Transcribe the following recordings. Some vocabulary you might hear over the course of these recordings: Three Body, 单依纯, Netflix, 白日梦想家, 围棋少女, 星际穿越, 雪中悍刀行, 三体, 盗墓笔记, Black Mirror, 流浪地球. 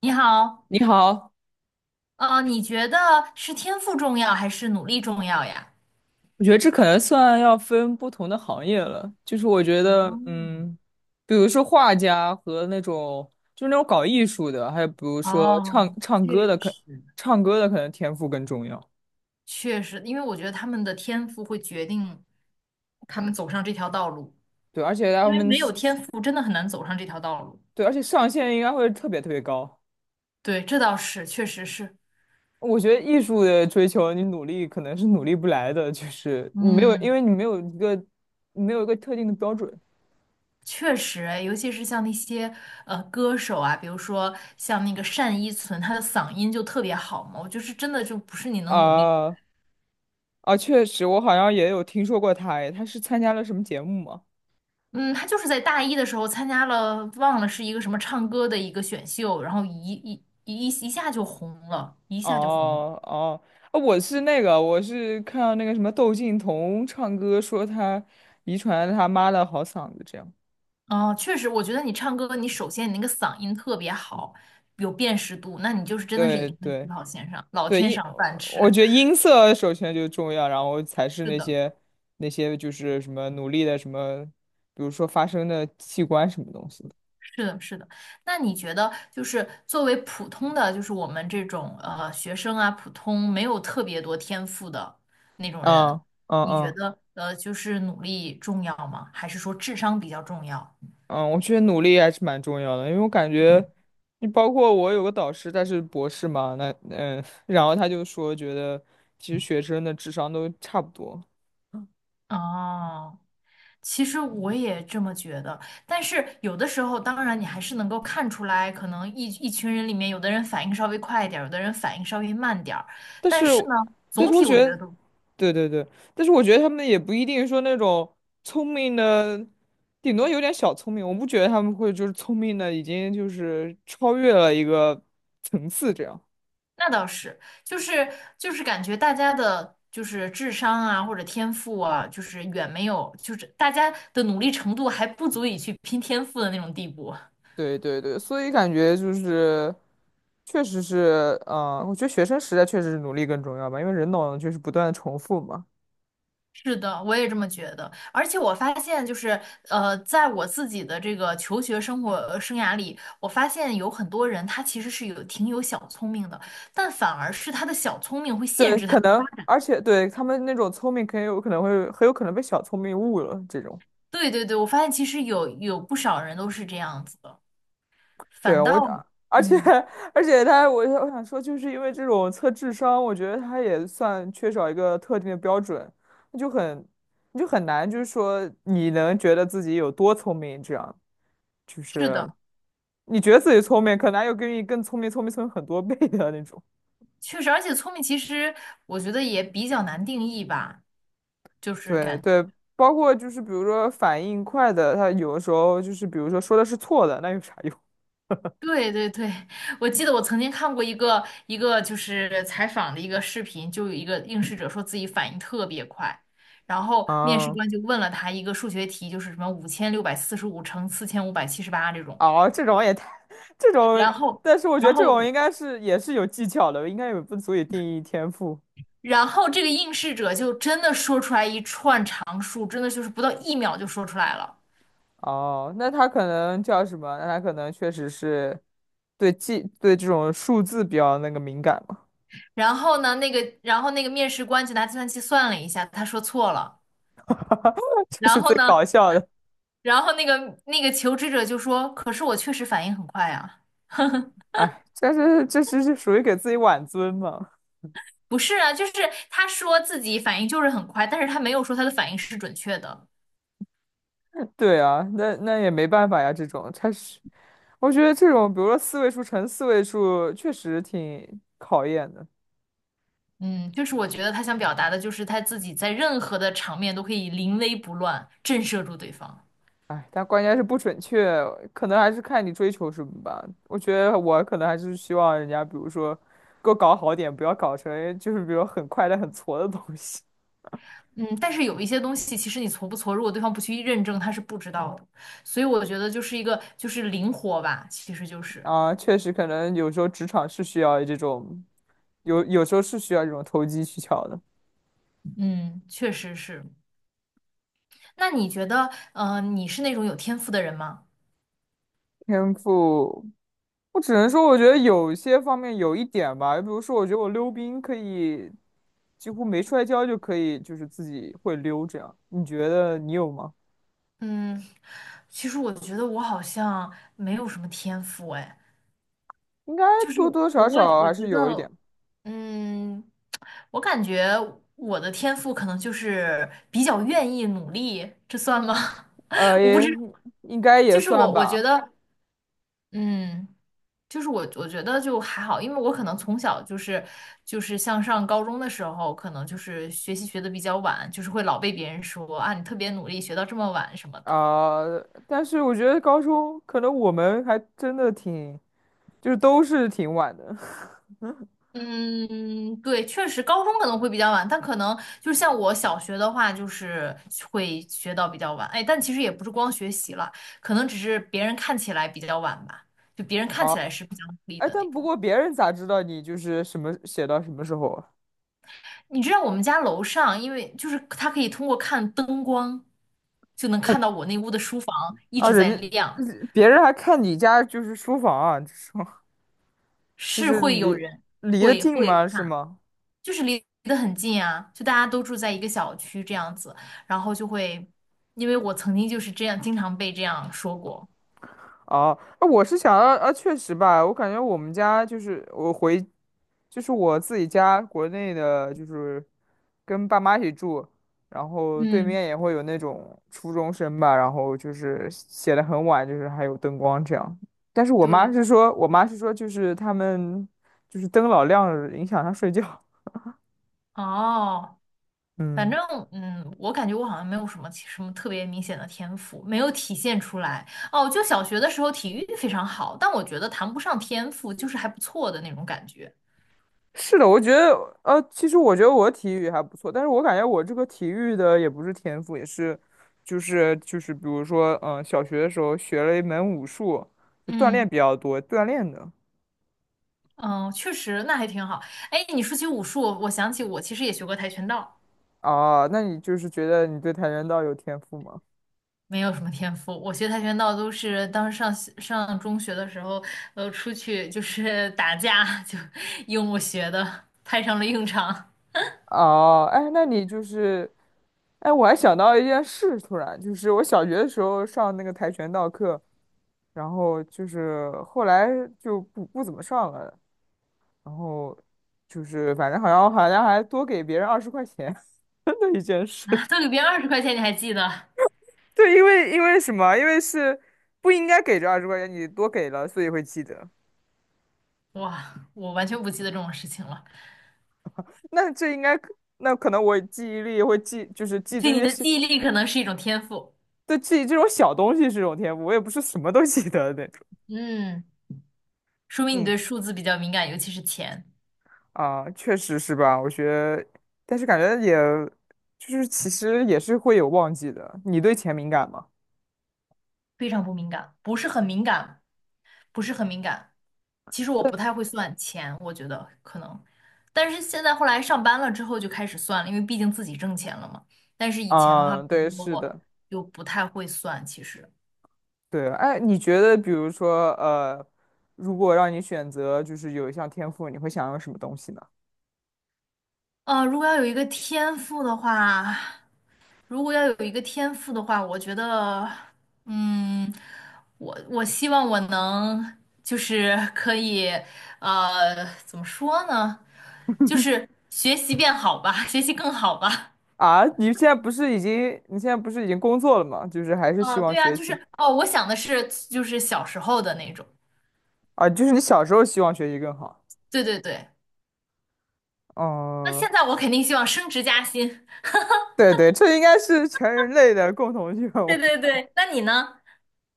你好，你好。你觉得是天赋重要还是努力重要呀？我觉得这可能算要分不同的行业了。就是我觉得，比如说画家和那种搞艺术的，还有比如说哦，确实，唱歌的可能天赋更重要。确实，因为我觉得他们的天赋会决定他们走上这条道路，对，而且他因为们没有是，天赋真的很难走上这条道路。对，而且上限应该会特别特别高。对，这倒是，确实是，我觉得艺术的追求，你努力可能是努力不来的，就是你没有，因嗯，为你没有一个特定的标准。确实诶尤其是像那些歌手啊，比如说像那个单依纯，她的嗓音就特别好嘛，我就是真的就不是你能努力。啊啊，确实，我好像也有听说过他。哎，他是参加了什么节目吗？嗯，他就是在大一的时候参加了，忘了是一个什么唱歌的一个选秀，然后一下就红了，一下就红了。哦哦，我是看到那个什么窦靖童唱歌，说他遗传了他妈的好嗓子，这样。哦确实，我觉得你唱歌，你首先你那个嗓音特别好，有辨识度，那你就是真的是对赢在起对跑线上，老对，天赏饭我吃。觉得 音色首先就重要，然后才是是那的，些那些就是什么努力的什么，比如说发声的器官什么东西的。是的，是的。那你觉得，就是作为普通的，就是我们这种学生啊，普通没有特别多天赋的那种人，嗯你觉嗯。得就是努力重要吗？还是说智商比较重要？嗯，我觉得努力还是蛮重要的，因为我感觉，你包括我有个导师，他是博士嘛，那然后他就说，觉得其实学生的智商都差不多。哦，其实我也这么觉得，但是有的时候，当然你还是能够看出来，可能一群人里面，有的人反应稍微快一点儿，有的人反应稍微慢点儿，但但是，是呢，但总是我体觉我觉得得，都。对对对，但是我觉得他们也不一定说那种聪明的，顶多有点小聪明，我不觉得他们会就是聪明的已经就是超越了一个层次这样。那倒是，就是就是感觉大家的，就是智商啊或者天赋啊，就是远没有，就是大家的努力程度还不足以去拼天赋的那种地步。对对对，所以感觉就是，确实是，我觉得学生时代确实是努力更重要吧，因为人脑就是不断的重复嘛。是的，我也这么觉得。而且我发现，就是在我自己的这个求学生活生涯里，我发现有很多人他其实是有挺有小聪明的，但反而是他的小聪明会限对，制他。可能，而且对他们那种聪明，很有可能被小聪明误了这种。对对对，我发现其实有不少人都是这样子的，对，反倒我，而且 嗯，而且他，我想说，就是因为这种测智商，我觉得他也算缺少一个特定的标准，那就很，你就很难，就是说你能觉得自己有多聪明，这样就是是。的。你觉得自己聪明，可能还有比你更聪明、聪明、聪明很多倍的那种。确实，而且聪明其实我觉得也比较难定义吧，就是对感，对，包括就是比如说反应快的，他有的时候就是比如说说的是错的，那有啥用？对对对，我记得我曾经看过一个就是采访的一个视频，就有一个应试者说自己反应特别快，然后面试啊、官就问了他一个数学题，就是什么5645乘4578这种，哦，这种也太，这种，然后但是我觉然得这种后应该是也是有技巧的，应该也不足以定义天赋。然后这个应试者就真的说出来一串常数，真的就是不到一秒就说出来了。哦，那他可能叫什么？那他可能确实是对记对这种数字比较那个敏感嘛。然后呢，那个，然后那个面试官就拿计算器算了一下，他说错了。这然是后最呢，搞笑的。然后那个求职者就说：“可是我确实反应很快啊。”哎，这属于给自己挽尊嘛。不是啊，就是他说自己反应就是很快，但是他没有说他的反应是准确的。对啊，那也没办法呀，这种它是，我觉得这种比如说四位数乘四位数确实挺考验的。嗯，就是我觉得他想表达的就是他自己在任何的场面都可以临危不乱，震慑住对方。哎，但关键是不准确，可能还是看你追求什么吧。我觉得我可能还是希望人家比如说给我搞好点，不要搞成就是比如很快的很挫的东西。嗯，但是有一些东西，其实你挫不挫，如果对方不去认证，他是不知道的。所以我觉得就是一个就是灵活吧，其实就是，确实，可能有时候职场是需要这种，有时候是需要这种投机取巧的嗯，确实是。那你觉得，呃，你是那种有天赋的人吗？天赋。我只能说，我觉得有些方面有一点吧。比如说，我觉得我溜冰可以几乎没摔跤就可以，就是自己会溜这样。你觉得你有吗？嗯，其实我觉得我好像没有什么天赋，哎，应该就是多多少我少我还是觉有一点。得，嗯，我感觉我的天赋可能就是比较愿意努力，这算吗？呃，我不也知道，应该也就是算我觉吧。得，嗯。就是我觉得就还好，因为我可能从小就是就是像上高中的时候，可能就是学习学的比较晚，就是会老被别人说啊你特别努力，学到这么晚什么的。啊、但是我觉得高中可能我们还真的挺，就是都是挺晚的。嗯，对，确实高中可能会比较晚，但可能就是像我小学的话，就是会学到比较晚。哎，但其实也不是光学习了，可能只是别人看起来比较晚吧，就别人看啊，起来是比较努力哎，的那但不种。过别人咋知道你就是什么写到什么时候啊？你知道我们家楼上，因为就是它可以通过看灯光，就能看到 我那屋的书房一啊，直在亮，别人还看你家就是书房啊，这是。就是是会有离人离得会近会吗？是看，吗？就是离得很近啊，就大家都住在一个小区这样子，然后就会，因为我曾经就是这样，经常被这样说过，哦，啊，我是想要啊，确实吧，我感觉我们家就是我回，就是我自己家国内的，就是跟爸妈一起住，然后对嗯，面也会有那种初中生吧，然后就是写的很晚，就是还有灯光这样。但是我妈对，是说，我妈是说，就是他们就是灯老亮了影响他睡觉。哦。反嗯。正，嗯，我感觉我好像没有什么什么特别明显的天赋，没有体现出来。哦，就小学的时候体育非常好，但我觉得谈不上天赋，就是还不错的那种感觉。是的，我觉得，其实我觉得我体育还不错，但是我感觉我这个体育的也不是天赋，也是，比如说，小学的时候学了一门武术，就锻嗯，炼比较多，锻炼的。嗯，确实，那还挺好。哎，你说起武术，我想起我其实也学过跆拳道，哦，那你就是觉得你对跆拳道有天赋吗？没有什么天赋。我学跆拳道都是当时上中学的时候，呃，出去就是打架，就 用我学的，派上了用场哦，哎，那你就是，哎，我还想到一件事，突然就是我小学的时候上那个跆拳道课，然后就是后来就不怎么上了，然后就是反正好像还多给别人二十块钱 的一件事。啊，都里边人20块钱，你还记得？对，因为因为什么？因为是不应该给这二十块钱，你多给了，所以会记得。哇，我完全不记得这种事情了。那这应该，那可能我记忆力会记，就是记对，这你些的小，记忆力可能是一种天赋。对，记这种小东西是种天赋，我也不是什么都记得的那种。嗯，说明你嗯对数字比较敏感，尤其是钱，确实是吧？我觉得，但是感觉也，就是其实也是会有忘记的。你对钱敏感吗？非常不敏感，不是很敏感，不是很敏感。其实我对。不太会算钱，我觉得可能，但是现在后来上班了之后就开始算了，因为毕竟自己挣钱了嘛。但是以前的话，啊，我对，觉得是我的。就不太会算，其实。对，哎，你觉得比如说，如果让你选择，就是有一项天赋，你会想要什么东西呢？呃，如果要有一个天赋的话，如果要有一个天赋的话，我觉得，嗯，我我希望我能就是可以，呃，怎么说呢？就是学习变好吧，学习更好吧。啊，你现在不是已经工作了吗？就是还是希啊，望对啊，学就习。是哦，我想的是就是小时候的那种。啊，就是你小时候希望学习更好。对对对，那嗯，现在我肯定希望升职加薪。对对，这应该是全人类的共同愿 对望。对对，那你呢？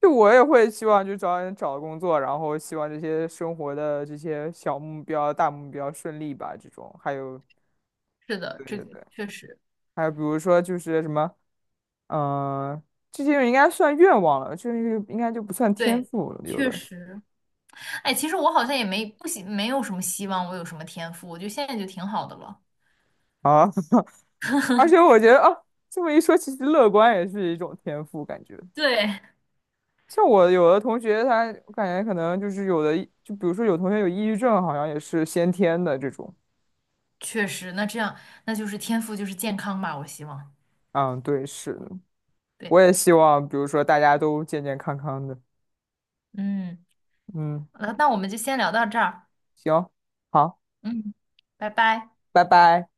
就我也会希望，就找人找工作，然后希望这些生活的这些小目标、大目标顺利吧，这种。还有，是的，对这对个对，确实，还有比如说就是什么。嗯，这些应该算愿望了，这个应该就不算天对，赋了，有确的实。哎，其实我好像也没不希，没有什么希望，我有什么天赋，我觉得现在就挺好的了。啊。而且我觉得啊，这么一说，其实乐观也是一种天赋，感觉。对 像我有的同学他，我感觉可能就是有的，就比如说有同学有抑郁症，好像也是先天的这种。确实，那这样那就是天赋就是健康吧，我希望。嗯，对，是的。我对，也希望，比如说大家都健健康康的。嗯，嗯，那那我们就先聊到这儿，行，好，嗯，拜拜。拜拜。